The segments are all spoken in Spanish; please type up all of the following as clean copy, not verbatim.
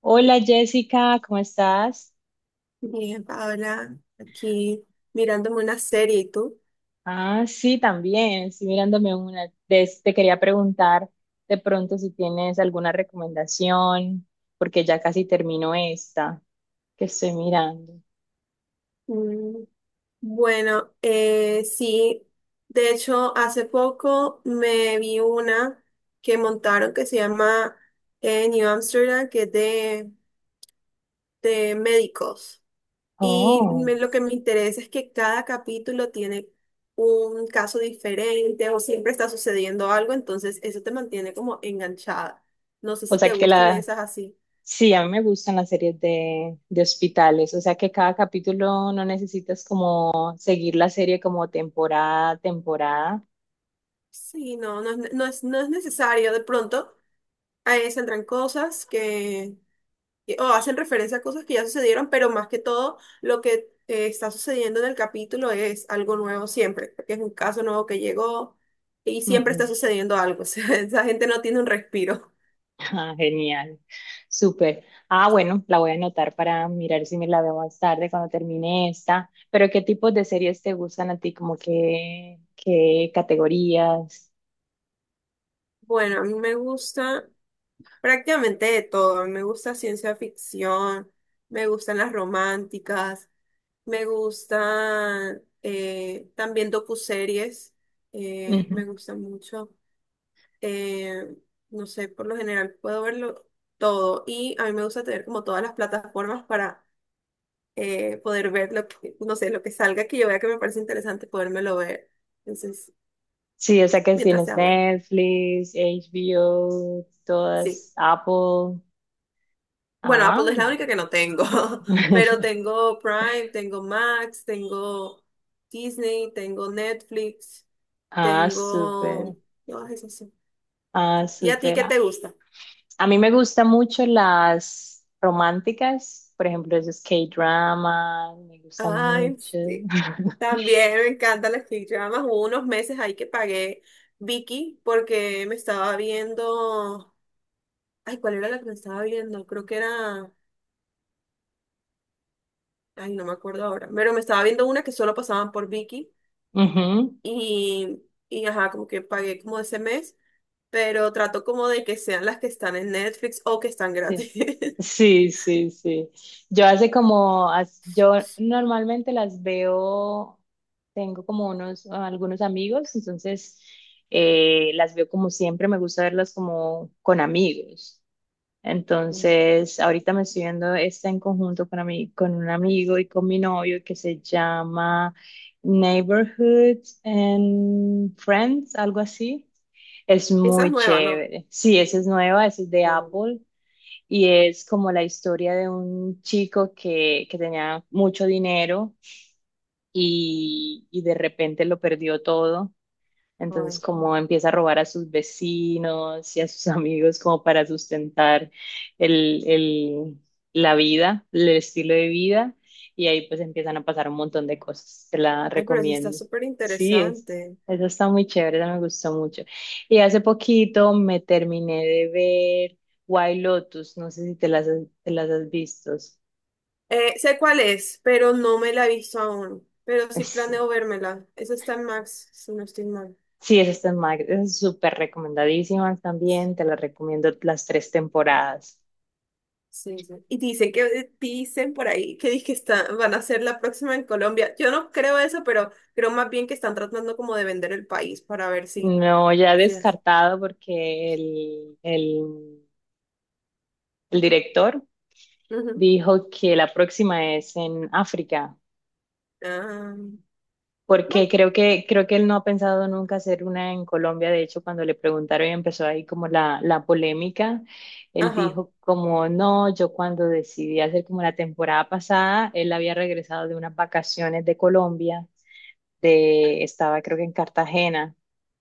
Hola Jessica, ¿cómo estás? Bien, Paola, aquí mirándome una serie, ¿y tú? Ah, sí, también, estoy mirándome una. Te quería preguntar de pronto si tienes alguna recomendación, porque ya casi termino esta que estoy mirando. Mm, bueno, sí, de hecho, hace poco me vi una que montaron que se llama New Amsterdam, que es de médicos. Oh, Lo que me interesa es que cada capítulo tiene un caso diferente o siempre está sucediendo algo, entonces eso te mantiene como enganchada. No sé o si sea te que gusten la... esas así. Sí, a mí me gustan las series de hospitales, o sea que cada capítulo no necesitas como seguir la serie como temporada, a temporada. Sí, no, no, no es, no es necesario. De pronto ahí saldrán cosas que, o hacen referencia a cosas que ya sucedieron, pero más que todo lo que está sucediendo en el capítulo es algo nuevo siempre, porque es un caso nuevo que llegó y siempre está Ujú. sucediendo algo. O sea, esa gente no tiene un respiro. Ah, genial, súper. Ah, bueno, la voy a anotar para mirar si me la veo más tarde cuando termine esta. Pero ¿qué tipos de series te gustan a ti? ¿Como qué categorías? Bueno, a mí me gusta prácticamente de todo. Me gusta ciencia ficción, me gustan las románticas. Me gustan, también docuseries, Ujú. me gustan mucho. Eh, no sé, por lo general puedo verlo todo y a mí me gusta tener como todas las plataformas para poder ver lo que, no sé, lo que salga que yo vea que me parece interesante, podérmelo ver. Entonces, Sí, o sea que si mientras tienes sea bueno, Netflix, HBO, sí. todas, Apple. Bueno, Ah, Apple es la única que no tengo, pero tengo Prime, tengo Max, tengo Disney, tengo Netflix, ah, súper, tengo... Todas esas. ah, ¿Y a ti súper. qué Ah, te gusta? a mí me gustan mucho las románticas, por ejemplo, esos K-drama, me gustan Ay, mucho. sí. También me encantan las K-dramas. Hubo unos meses ahí que pagué Vicky porque me estaba viendo. Ay, ¿cuál era la que me estaba viendo? Creo que era... Ay, no me acuerdo ahora. Pero me estaba viendo una que solo pasaban por Vicky. Ujú, Y, y ajá, como que pagué como ese mes. Pero trato como de que sean las que están en Netflix o que están sí, gratis. sí, sí, sí. Yo hace como, yo normalmente las veo, tengo como unos, algunos amigos, entonces las veo como siempre, me gusta verlas como con amigos. Mm, Entonces, ahorita me estoy viendo esta en conjunto con, con un amigo y con mi novio, que se llama Neighborhood and Friends, algo así. Es esa es muy nueva, ¿no? chévere. Sí, esa es nueva, esa es de No. Apple. Y es como la historia de un chico que tenía mucho dinero y de repente lo perdió todo, entonces Ay. como empieza a robar a sus vecinos y a sus amigos, como para sustentar el, el- la vida, el estilo de vida, y ahí pues empiezan a pasar un montón de cosas. Te la Ay, pero sí está recomiendo. súper Sí, es, interesante. eso está muy chévere, esa me gustó mucho. Y hace poquito me terminé de ver White Lotus, no sé si te las, te las has visto. Sé cuál es, pero no me la he visto aún. Pero sí Es- planeo vérmela. Esa está en Max, si no estoy mal. sí, esas están esas súper recomendadísimas también, te las recomiendo las tres temporadas. Sí, sí. Y dicen que dicen por ahí que dizque está, van a hacer la próxima en Colombia. Yo no creo eso, pero creo más bien que están tratando como de vender el país para ver si, No, ya si es. descartado porque el director Ujú. dijo que la próxima es en África, Ah, porque bueno, creo que él no ha pensado nunca hacer una en Colombia. De hecho, cuando le preguntaron y empezó ahí como la polémica, él ajá, dijo como, no, yo cuando decidí hacer como la temporada pasada, él había regresado de unas vacaciones de Colombia, de, estaba creo que en Cartagena.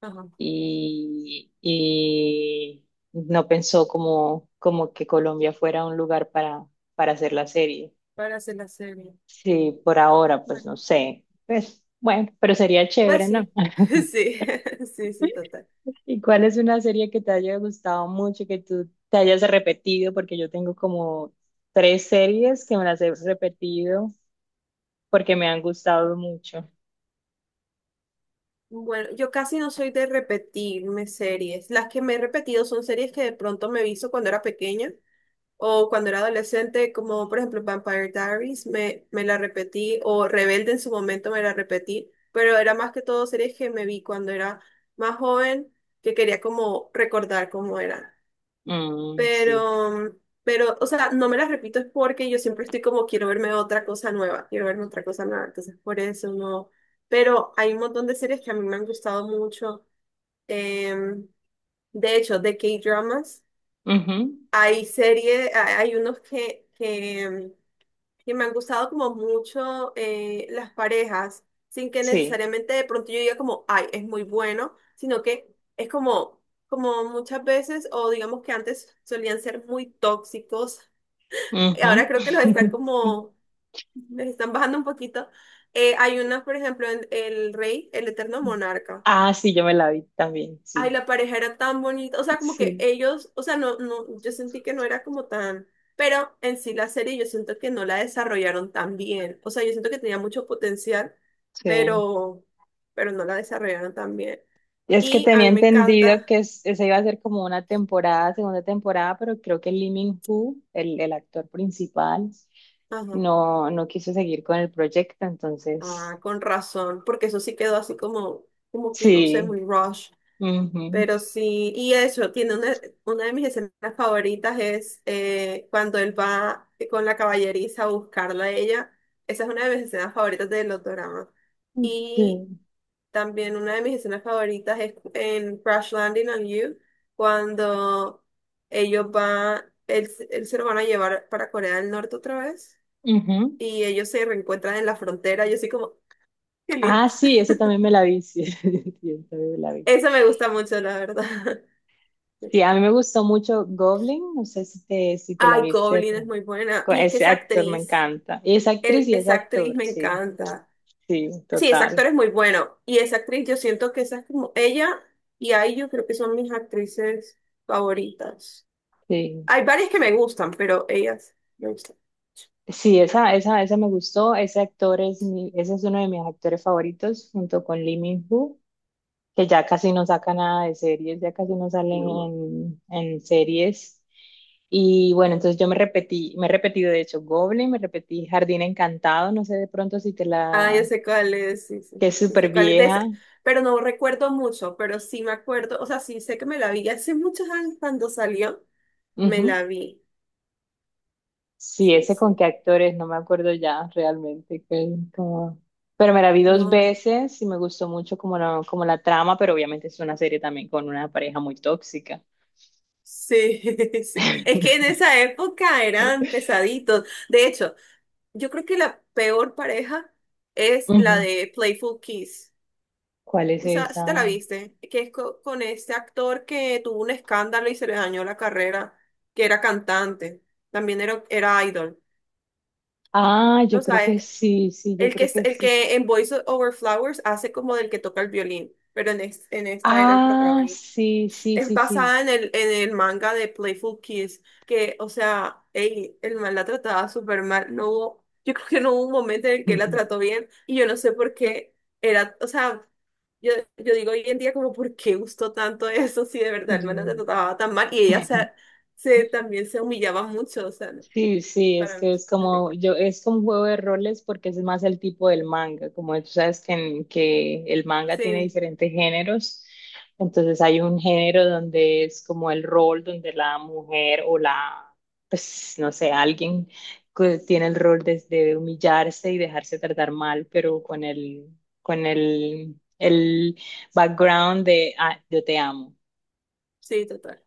ajá. Y no pensó como, como que Colombia fuera un lugar para hacer la serie. Para hacer la serie. Mm, Sí, por ahora, pues bueno, no sé. Pues bueno, pero sería pues chévere, ¿no? sí. Sí, sí, sí, total. ¿Y cuál es una serie que te haya gustado mucho, que tú te hayas repetido? Porque yo tengo como tres series que me las he repetido porque me han gustado mucho. Bueno, yo casi no soy de repetirme series. Las que me he repetido son series que de pronto me visto cuando era pequeña o cuando era adolescente, como por ejemplo Vampire Diaries, me la repetí, o Rebelde en su momento me la repetí, pero era más que todo series que me vi cuando era más joven, que quería como recordar cómo era, Mm, sí. pero, pero, o sea, no me las repito es porque yo siempre estoy como, quiero verme otra cosa nueva, quiero verme otra cosa nueva, entonces por eso no. Pero hay un montón de series que a mí me han gustado mucho. em, de hecho, de K-dramas, Ujú, hay series, hay unos que, que me han gustado como mucho, las parejas, sin que sí. necesariamente de pronto yo diga como, ay, es muy bueno, sino que es como, como muchas veces, o digamos que antes solían ser muy tóxicos, ahora Ujú. creo que los están como, les están bajando un poquito. Hay unas, por ejemplo, en El Rey, el Eterno Monarca. Ah, sí, yo me la vi también, Ay, sí, la pareja era tan bonita, o sea, como que sí, ellos, o sea, no, no, yo sentí que no era como tan, pero en sí la serie yo siento que no la desarrollaron tan bien, o sea, yo siento que tenía mucho potencial, sí. pero, pero no la desarrollaron tan bien. Y es que Y a tenía mí me entendido encanta, que esa iba a ser como una temporada, segunda temporada, pero creo que Lee Min-ho, el actor principal, ajá, no, no quiso seguir con el proyecto, entonces, ah, con razón, porque eso sí quedó así como, como que no sé, sí. muy rush. Ujú, Pero sí, y eso, tiene una de mis escenas favoritas es, cuando él va con la caballeriza a buscarla a ella. Esa es una de mis escenas favoritas de los dramas. sí, Y también una de mis escenas favoritas es en Crash Landing on You, cuando ellos van, él se lo van a llevar para Corea del Norte otra vez ujú. y ellos se reencuentran en la frontera. Yo soy como, qué lindo. Ah, sí, eso también me la vi, sí, sí, esa también me la vi. Eso me gusta mucho, la verdad. Sí, a mí me gustó mucho Goblin, no sé si te, si te la Ay, viste, Goblin es pero muy buena. con Y es que ese esa actor me actriz, encanta. Y esa actriz y ese esa actriz actor, me sí, encanta. sí, Sí, ese total. actor es muy bueno. Y esa actriz, yo siento que esa es como ella y ahí yo creo que son mis actrices favoritas. Sí, Hay varias que me gustan, pero ellas me gustan. sí, esa me gustó. Ese actor es mi, ese es uno de mis actores favoritos, junto con Lee Min-ho, que ya casi no saca nada de series, ya casi no salen en series. Y bueno, entonces yo me repetí, me he repetido de hecho Goblin, me repetí Jardín Encantado, no sé de pronto si te Ah, yo la, sé cuál es, sí, sí, que es sí súper sé cuál es. De vieja. ese, pero no recuerdo mucho, pero sí me acuerdo, o sea, sí sé que me la vi hace muchos años cuando salió, me la vi. Sí, Sí, ese sí. con qué actores, no me acuerdo ya realmente. Como- Pero me la vi dos No. veces y me gustó mucho como la trama, pero obviamente es una serie también con una pareja muy tóxica. Sí, sí. Es que en esa época eran pesaditos. De hecho, yo creo que la peor pareja es la Ujú. de Playful Kiss. ¿Cuál es Esa, si esa? te la viste, que es con este actor que tuvo un escándalo y se le dañó la carrera, que era cantante, también era, era idol. Ah, yo No creo que sabes, sí, sí, yo el que, creo que el sí. que en Voice Over Flowers hace como del que toca el violín, pero en, en esta era el Ah, protagonista. sí, sí, Es sí, sí. basada en el manga de Playful Kiss, que, o sea, ey, el man la trataba súper mal. No hubo, yo creo que no hubo un momento en el que la trató bien, y yo no sé por qué era, o sea, yo digo hoy en día como, ¿por qué gustó tanto eso si de verdad el man la Yo- trataba tan mal? Y ella se, se, también se humillaba mucho, o sea, no, Sí, sí, es para mí que es es como, horrible. yo, es como un juego de roles porque es más el tipo del manga, como tú sabes que, que el manga tiene Sí, diferentes géneros, entonces hay un género donde es como el rol, donde la mujer pues no sé, alguien que tiene el rol de humillarse y dejarse tratar mal, pero con el background de, ah, yo te amo, sí, total.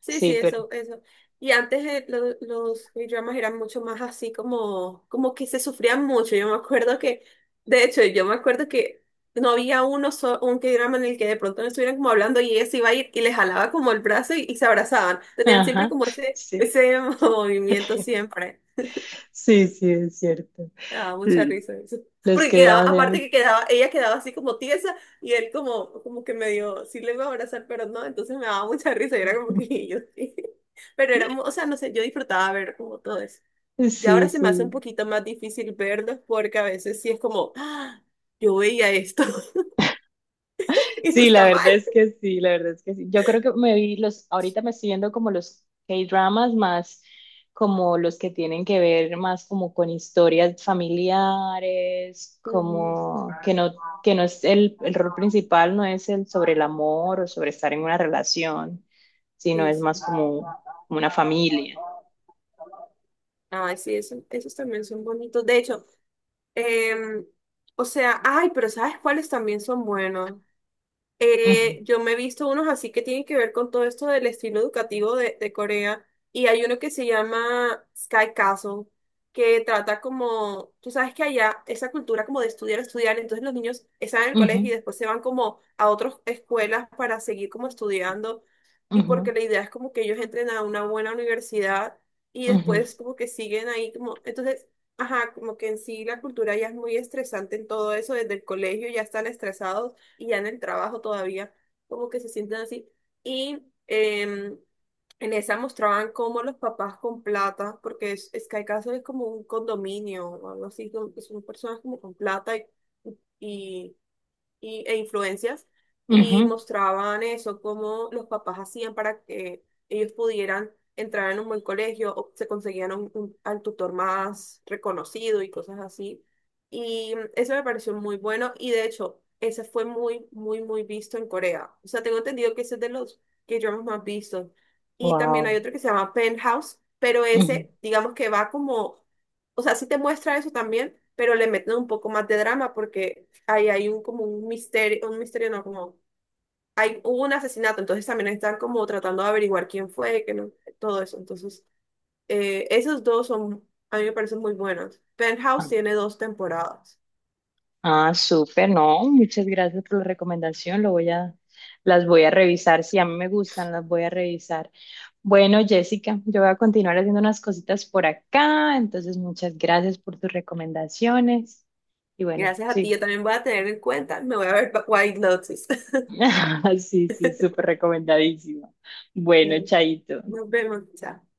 Sí, sí, sí, pero, eso, eso. Y antes, los dramas eran mucho más así como, como que se sufrían mucho. Yo me acuerdo que, de hecho, yo me acuerdo que no había uno un K-drama en el que de pronto no estuvieran como hablando y ella se iba a ir y les jalaba como el brazo y se abrazaban. Tenían siempre ajá, como ese, sí. ese movimiento siempre. Sí, sí, es cierto. Ah, mucha L- risa eso. Los Porque que quedaba, dramas eran aparte muy... que quedaba, ella quedaba así como tiesa y él como, como que medio, sí le iba a abrazar, pero no, entonces me daba mucha risa y era como que yo sí. Pero era, o sea, no sé, yo disfrutaba ver como todo eso. Y ahora Sí, se me hace un sí. poquito más difícil verlos porque a veces sí es como, "Ah, yo veía esto, esto Sí, la está mal". verdad es que sí, la verdad es que sí. Yo creo que me vi los, ahorita me estoy viendo como los K-dramas más como los que tienen que ver más como con historias familiares, Ujú, como que no es el rol principal, no es el sobre el amor o sobre estar en una relación, sino sí, es sí. más como, como una familia. Ay, sí, esos también son bonitos. De hecho, em, o sea, ay, pero ¿sabes cuáles también son buenos? Ujú, Yo me he visto unos así que tienen que ver con todo esto del estilo educativo de Corea. Y hay uno que se llama Sky Castle, que trata como, tú sabes que allá esa cultura como de estudiar, estudiar, entonces los niños están en el ujú, colegio y después se van como a otras escuelas para seguir como estudiando. Y ujú, porque la idea es como que ellos entren a una buena universidad y ujú, después como que siguen ahí como, entonces, ajá, como que en sí la cultura ya es muy estresante en todo eso, desde el colegio ya están estresados y ya en el trabajo todavía como que se sienten así. Y en esa mostraban cómo los papás con plata, porque es que hay casos es como un condominio o algo así, que son personas como con plata y, y e influencias y ujú. mostraban eso, cómo los papás hacían para que ellos pudieran entrar en un buen colegio o se conseguían un, al tutor más reconocido y cosas así. Y mm, eso me pareció muy bueno y de hecho, ese fue muy, muy, muy visto en Corea. O sea, tengo entendido que ese es de los que yo más visto. Y también hay Wow. otro que se llama Penthouse, pero Ujú. ese, digamos que va como... O sea, sí te muestra eso también, pero le meten un poco más de drama porque ahí hay un como un misterio no, como hay, hubo un asesinato, entonces también están como tratando de averiguar quién fue, que no, todo eso. Entonces, esos dos son, a mí me parecen muy buenos. Ah, Penthouse tiene dos temporadas. ah, súper, no, muchas gracias por la recomendación. Lo voy a, las voy a revisar. Si a mí me gustan, las voy a revisar. Bueno, Jessica, yo voy a continuar haciendo unas cositas por acá. Entonces, muchas gracias por tus recomendaciones. Y bueno, Gracias a ti, sí. yo también voy a tener en cuenta, me voy a ver White Lotus. Sí, sí, súper recomendadísimo. Bueno, chaito. Nos vemos, chao.